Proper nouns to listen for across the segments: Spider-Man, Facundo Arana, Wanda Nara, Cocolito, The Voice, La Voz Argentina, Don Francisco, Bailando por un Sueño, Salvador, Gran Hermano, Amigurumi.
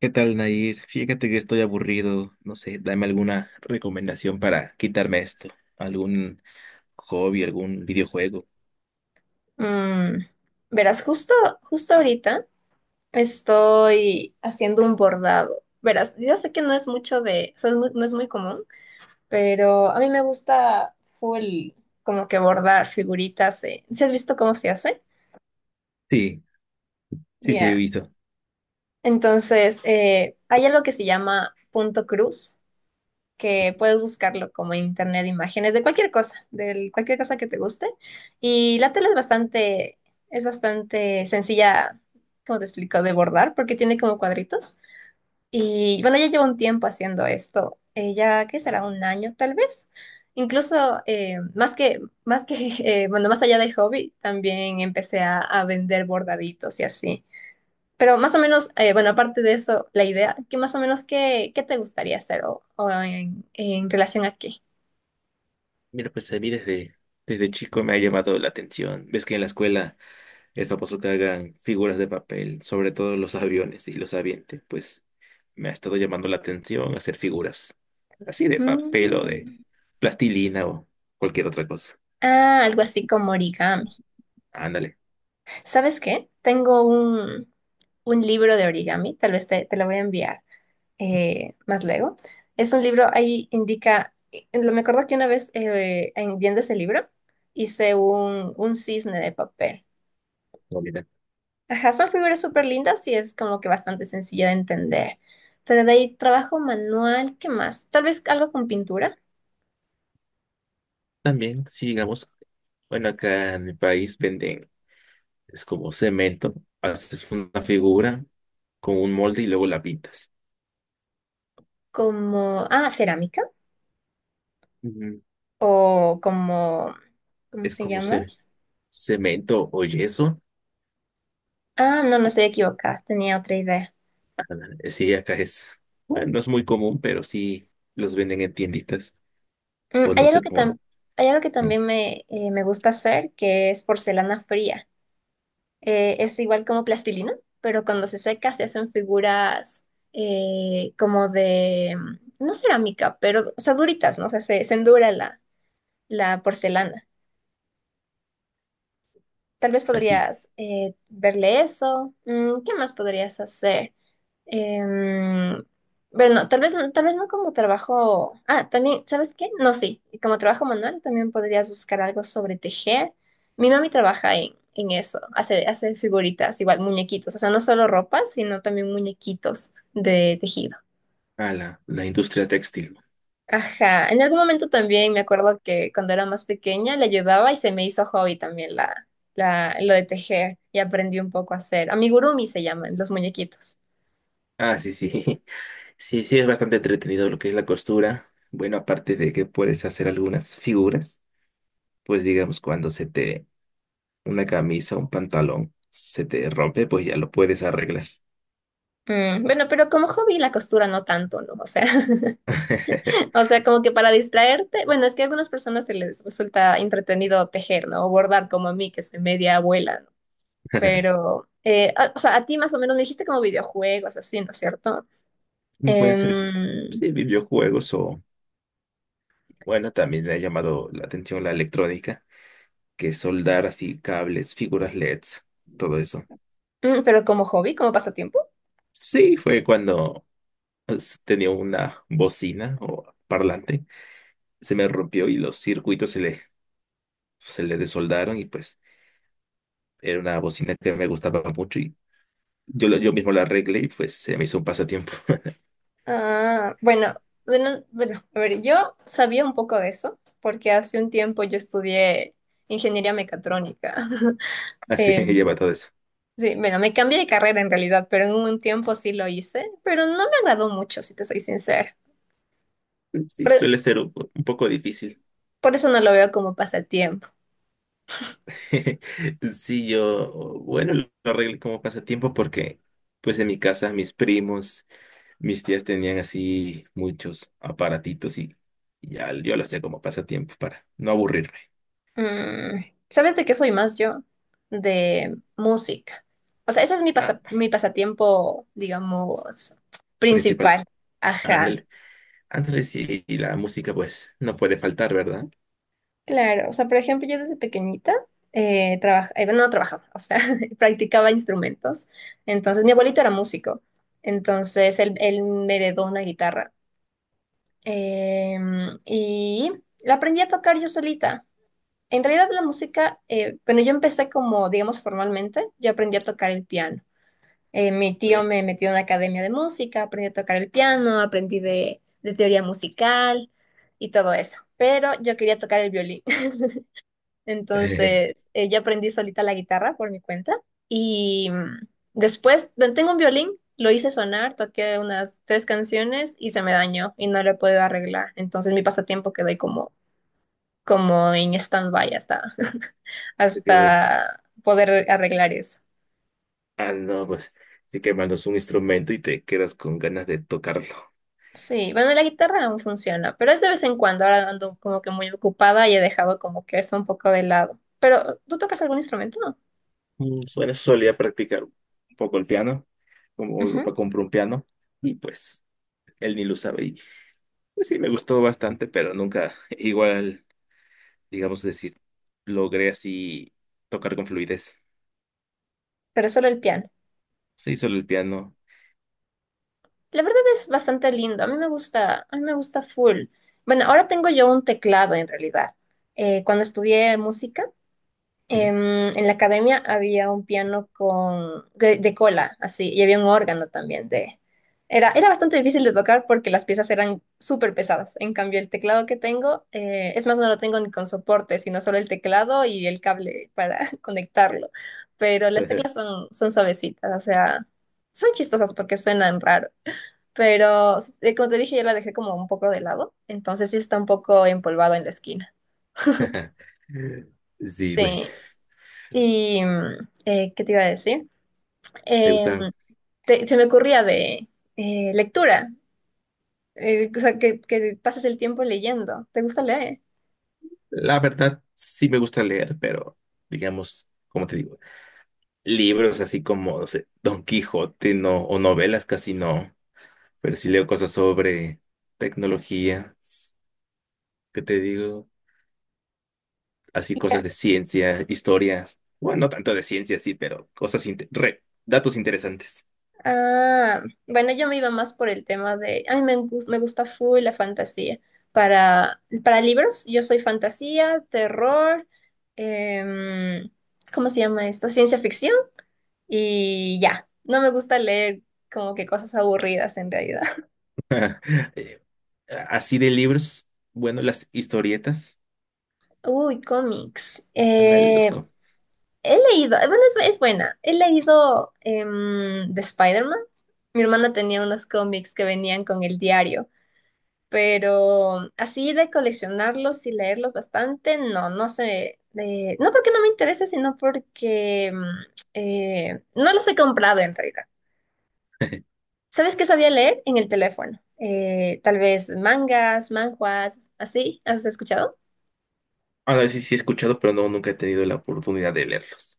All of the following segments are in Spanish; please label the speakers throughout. Speaker 1: ¿Qué tal, Nair? Fíjate que estoy aburrido. No sé, dame alguna recomendación para quitarme esto. ¿Algún hobby, algún videojuego?
Speaker 2: Mm, verás, justo ahorita estoy haciendo un bordado. Verás, yo sé que no es mucho de, o sea, no es muy común, pero a mí me gusta full como que bordar figuritas. ¿Sí has visto cómo se hace?
Speaker 1: Sí, sí, sí, he
Speaker 2: Ya.
Speaker 1: visto.
Speaker 2: Entonces, hay algo que se llama punto cruz, que puedes buscarlo como en internet, imágenes de cualquier cosa que te guste. Y la tela es bastante sencilla, como te explico, de bordar, porque tiene como cuadritos. Y bueno, ya llevo un tiempo haciendo esto, ya que será un año tal vez. Incluso más que bueno, más allá del hobby, también empecé a vender bordaditos y así. Pero más o menos, bueno, aparte de eso, la idea, que más o menos, ¿qué te gustaría hacer o en relación a qué?
Speaker 1: Mira, pues a mí desde chico me ha llamado la atención. Ves que en la escuela es famoso que hagan figuras de papel, sobre todo los aviones y los avientes. Pues me ha estado llamando la atención hacer figuras así de papel o de
Speaker 2: Mm,
Speaker 1: plastilina o cualquier otra cosa.
Speaker 2: Ah, algo así como origami.
Speaker 1: Ándale.
Speaker 2: ¿Sabes qué? Tengo un libro de origami, tal vez te lo voy a enviar más luego. Es un libro, ahí indica, me acuerdo que una vez viendo ese libro hice un cisne de papel. Ajá, son figuras súper lindas y es como que bastante sencilla de entender. Pero de ahí trabajo manual, ¿qué más? Tal vez algo con pintura,
Speaker 1: También, si digamos, bueno, acá en mi país venden, es como cemento, haces una figura con un molde y luego la pintas.
Speaker 2: como, ah, cerámica
Speaker 1: Ujú.
Speaker 2: o como, ¿cómo
Speaker 1: Es
Speaker 2: se
Speaker 1: como
Speaker 2: llama?
Speaker 1: cemento o yeso.
Speaker 2: Ah, no, no
Speaker 1: Y,
Speaker 2: estoy equivocada, tenía otra idea.
Speaker 1: ah, sí, acá es, bueno, no es muy común, pero sí los venden en tienditas
Speaker 2: Mm,
Speaker 1: o
Speaker 2: hay
Speaker 1: no
Speaker 2: algo
Speaker 1: sé
Speaker 2: que
Speaker 1: cómo,
Speaker 2: tam- Hay algo que
Speaker 1: mm,
Speaker 2: también me, me gusta hacer, que es porcelana fría. Es igual como plastilina, pero cuando se seca se hacen figuras como de, no cerámica, pero, o sea, duritas, ¿no? O sea, se endura la porcelana. Tal vez
Speaker 1: así,
Speaker 2: podrías verle eso. Mm, ¿qué más podrías hacer? Em, pero no, tal vez no como trabajo. Ah, también, ¿sabes qué? No, sí. Como trabajo manual también podrías buscar algo sobre tejer. Mi mami trabaja en eso. Hace figuritas, igual muñequitos. O sea, no solo ropa, sino también muñequitos de tejido.
Speaker 1: a la industria textil.
Speaker 2: Ajá, en algún momento también me acuerdo que cuando era más pequeña le ayudaba y se me hizo hobby también lo de tejer y aprendí un poco a hacer. Amigurumi se llaman los muñequitos.
Speaker 1: Ah, sí, sí, sí, sí, es bastante entretenido lo que es la costura. Bueno, aparte de que puedes hacer algunas figuras, pues digamos, cuando se te una camisa, un pantalón, se te rompe, pues ya lo puedes arreglar.
Speaker 2: Mm, bueno, pero como hobby la costura no tanto, ¿no? O sea, o sea, como que para distraerte, bueno, es que a algunas personas se les resulta entretenido tejer, ¿no? O bordar como a mí, que soy media abuela, ¿no? Pero, o sea, a ti más o menos me dijiste como videojuegos, así, ¿no es cierto?
Speaker 1: Pueden ser,
Speaker 2: Em,
Speaker 1: sí, videojuegos o, bueno, también me ha llamado la atención la electrónica, que es soldar así cables, figuras LEDs, todo eso.
Speaker 2: mm, pero como hobby, como pasatiempo.
Speaker 1: Sí, fue cuando pues, tenía una bocina o parlante, se me rompió y los circuitos se le desoldaron y pues era una bocina que me gustaba mucho y yo, yo mismo la arreglé y pues se me hizo un pasatiempo.
Speaker 2: Ah, bueno, bueno, a ver, yo sabía un poco de eso, porque hace un tiempo yo estudié ingeniería mecatrónica.
Speaker 1: Así
Speaker 2: Em,
Speaker 1: lleva todo eso.
Speaker 2: sí, bueno, me cambié de carrera en realidad, pero en un tiempo sí lo hice, pero no me agradó mucho, si te soy sincera.
Speaker 1: Sí,
Speaker 2: Por,
Speaker 1: suele ser un, un poco difícil.
Speaker 2: por eso no lo veo como pasatiempo.
Speaker 1: Sí, yo, bueno, lo arreglé como pasatiempo porque, pues en mi casa, mis primos, mis tías tenían así muchos aparatitos y ya yo lo hacía como pasatiempo para no aburrirme.
Speaker 2: Mm, ¿sabes de qué soy más yo? De música. O sea, ese es
Speaker 1: Ah,
Speaker 2: mi pasatiempo, digamos,
Speaker 1: principal.
Speaker 2: principal. Ajá.
Speaker 1: Ándale, ándale, sí, y la música, pues, no puede faltar, ¿verdad?
Speaker 2: Claro, o sea, por ejemplo, yo desde pequeñita no trabajaba, o sea, practicaba instrumentos. Entonces, mi abuelito era músico, entonces él me heredó una guitarra. Eh, y la aprendí a tocar yo solita. En realidad, la música, bueno, yo empecé como, digamos, formalmente, yo aprendí a tocar el piano. Mi tío
Speaker 1: Vale.
Speaker 2: me metió en una academia de música, aprendí a tocar el piano, aprendí de teoría musical y todo eso, pero yo quería tocar el violín.
Speaker 1: Te
Speaker 2: Entonces, ya aprendí solita la guitarra por mi cuenta. Y después, bueno, tengo un violín, lo hice sonar, toqué unas tres canciones y se me dañó y no lo he podido arreglar. Entonces, mi pasatiempo quedó ahí como, como en stand-by hasta,
Speaker 1: quedo.
Speaker 2: hasta poder arreglar eso.
Speaker 1: Ah, no, pues, sí que mandas un instrumento y te quedas con ganas de tocarlo.
Speaker 2: Sí, bueno, la guitarra aún funciona, pero es de vez en cuando. Ahora ando como que muy ocupada y he dejado como que eso un poco de lado. Pero, ¿tú tocas algún instrumento?
Speaker 1: Bueno, solía practicar un poco el piano, como mi
Speaker 2: Ujú.
Speaker 1: papá compró un piano y pues él ni lo sabe. Y pues sí, me gustó bastante, pero nunca igual, digamos decir, logré así tocar con fluidez.
Speaker 2: Pero solo el piano.
Speaker 1: Sí, solo el piano.
Speaker 2: La verdad es bastante lindo. A mí me gusta, a mí me gusta full. Bueno, ahora tengo yo un teclado en realidad. Cuando estudié música,
Speaker 1: Ujú.
Speaker 2: en la academia había un piano de cola, así, y había un órgano también de... Era, era bastante difícil de tocar porque las piezas eran súper pesadas. En cambio, el teclado que tengo, es más, no lo tengo ni con soporte, sino solo el teclado y el cable para conectarlo. Pero las teclas son, son suavecitas, o sea, son chistosas porque suenan raro, pero como te dije, yo la dejé como un poco de lado, entonces sí está un poco empolvado en la esquina.
Speaker 1: Sí, pues
Speaker 2: Sí. Y, ¿qué te iba a decir?
Speaker 1: te
Speaker 2: Em,
Speaker 1: gustan.
Speaker 2: Se me ocurría de lectura, o sea, que pases el tiempo leyendo. ¿Te gusta leer?
Speaker 1: La verdad, sí me gusta leer, pero digamos, como te digo, libros así como, no sé, Don Quijote no, o novelas casi no. Pero sí leo cosas sobre tecnología, ¿qué te digo? Así
Speaker 2: Ya.
Speaker 1: cosas de ciencia, historias, bueno, no tanto de ciencia, sí, pero cosas, datos interesantes.
Speaker 2: Ah, bueno, yo me iba más por el tema de, ay, me gusta full la fantasía. Para libros, yo soy fantasía, terror, em, ¿cómo se llama esto? Ciencia ficción. Y ya, no me gusta leer como que cosas aburridas en realidad.
Speaker 1: Eh, así de libros, bueno, las historietas,
Speaker 2: Uy, cómics.
Speaker 1: ándale,
Speaker 2: He leído, bueno, es buena. He leído de Spider-Man. Mi hermana tenía unos cómics que venían con el diario, pero así de coleccionarlos y leerlos bastante, no sé. No porque no me interese, sino porque no los he comprado en realidad. ¿Sabes qué sabía leer en el teléfono? Tal vez mangas, manhwas, así, ¿has escuchado?
Speaker 1: Ah, no, sí, sí he escuchado, pero no, nunca he tenido la oportunidad de leerlos.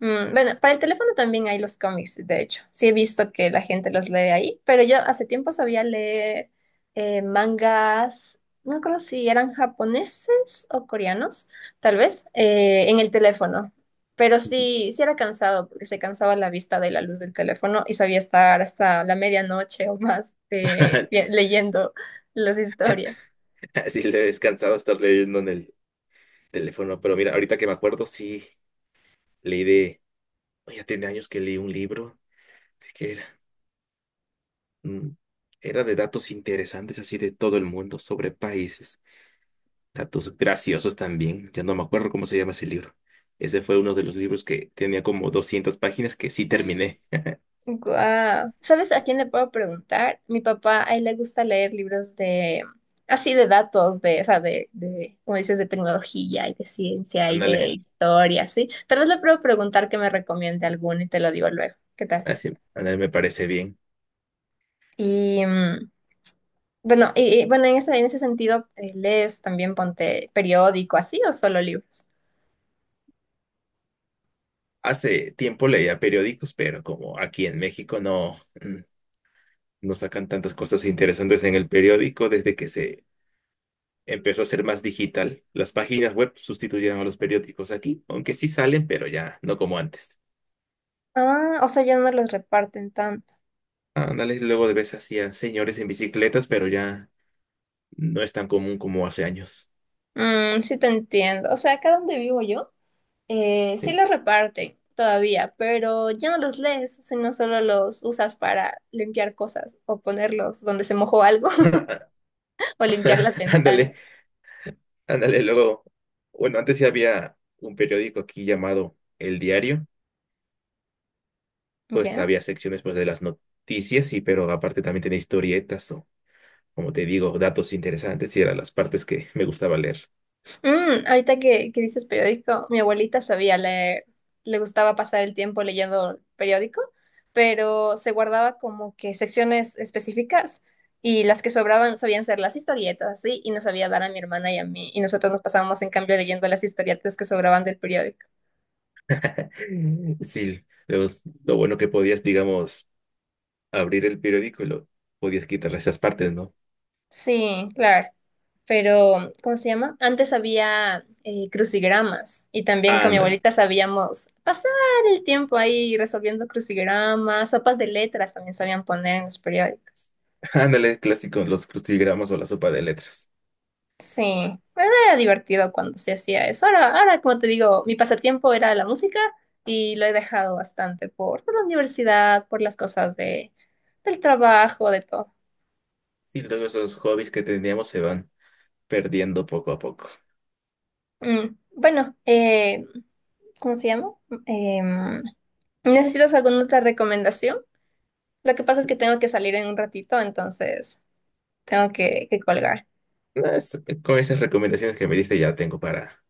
Speaker 2: Mm, bueno, para el teléfono también hay los cómics, de hecho. Sí he visto que la gente los lee ahí, pero yo hace tiempo sabía leer mangas, no creo si eran japoneses o coreanos, tal vez, en el teléfono. Pero sí, sí era cansado, porque se cansaba la vista de la luz del teléfono y sabía estar hasta la medianoche o más leyendo las historias.
Speaker 1: Sí, le he cansado estar leyendo en el teléfono, pero mira, ahorita que me acuerdo, sí, leí de, oh, ya tiene años que leí un libro, Mm, era de datos interesantes así de todo el mundo, sobre países, datos graciosos también, ya no me acuerdo cómo se llama ese libro. Ese fue uno de los libros que tenía como 200 páginas que sí terminé.
Speaker 2: Guau. ¿Sabes a quién le puedo preguntar? Mi papá, a él le gusta leer libros de, así de datos, de, o sea, como dices, de tecnología y de ciencia y de Mm.
Speaker 1: Ándale,
Speaker 2: historia, ¿sí? Tal vez le puedo preguntar que me recomiende alguno y te lo digo luego. ¿Qué tal?
Speaker 1: así, ándale, me parece bien.
Speaker 2: Y bueno, bueno, en ese sentido, ¿lees también ponte periódico así o solo libros?
Speaker 1: Hace tiempo leía periódicos, pero como aquí en México no, mm, no sacan tantas cosas interesantes en el periódico desde que se empezó a ser más digital. Las páginas web sustituyeron a los periódicos aquí, aunque sí salen, pero ya no como antes.
Speaker 2: Ah, o sea, ya no los reparten tanto.
Speaker 1: Ándale, luego de veces hacía señores en bicicletas, pero ya no es tan común como hace años.
Speaker 2: Mm, sí te entiendo. O sea, acá donde vivo yo. Sí
Speaker 1: Sí.
Speaker 2: los reparten todavía, pero ya no los lees, sino solo los usas para limpiar cosas o ponerlos donde se mojó algo o limpiar las ventanas.
Speaker 1: Ándale, ándale, luego. Bueno, antes sí había un periódico aquí llamado El Diario, pues
Speaker 2: ¿Ya?
Speaker 1: había secciones pues, de las noticias, y pero aparte también tenía historietas o, como te digo, datos interesantes y eran las partes que me gustaba leer.
Speaker 2: Mm, ahorita que dices periódico, mi abuelita sabía leer, le gustaba pasar el tiempo leyendo periódico, pero se guardaba como que secciones específicas y las que sobraban sabían ser las historietas, así, y nos sabía dar a mi hermana y a mí, y nosotros nos pasábamos en cambio leyendo las historietas que sobraban del periódico.
Speaker 1: Sí, lo bueno que podías, digamos, abrir el periódico y lo podías quitarle esas partes, ¿no?
Speaker 2: Sí, claro. Pero, ¿cómo se llama? Antes había crucigramas y también con mi
Speaker 1: Ándale,
Speaker 2: abuelita sabíamos pasar el tiempo ahí resolviendo crucigramas, sopas de letras también sabían poner en los periódicos.
Speaker 1: ándale, clásico, los crucigramas o la sopa de letras.
Speaker 2: Sí, bueno, era divertido cuando se hacía eso. Ahora, ahora, como te digo, mi pasatiempo era la música y lo he dejado bastante por la universidad, por las cosas de, del trabajo, de todo.
Speaker 1: Sí, luego esos hobbies que teníamos se van perdiendo poco a poco.
Speaker 2: Mm, bueno, ¿cómo se llama? Em, ¿Necesitas alguna otra recomendación? Lo que pasa es que tengo que salir en un ratito, entonces tengo que colgar.
Speaker 1: No, con esas recomendaciones que me diste ya tengo para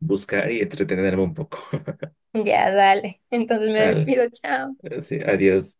Speaker 1: buscar y entretenerme un poco.
Speaker 2: Ya, dale. Entonces me
Speaker 1: Al,
Speaker 2: despido, chao.
Speaker 1: sí, adiós.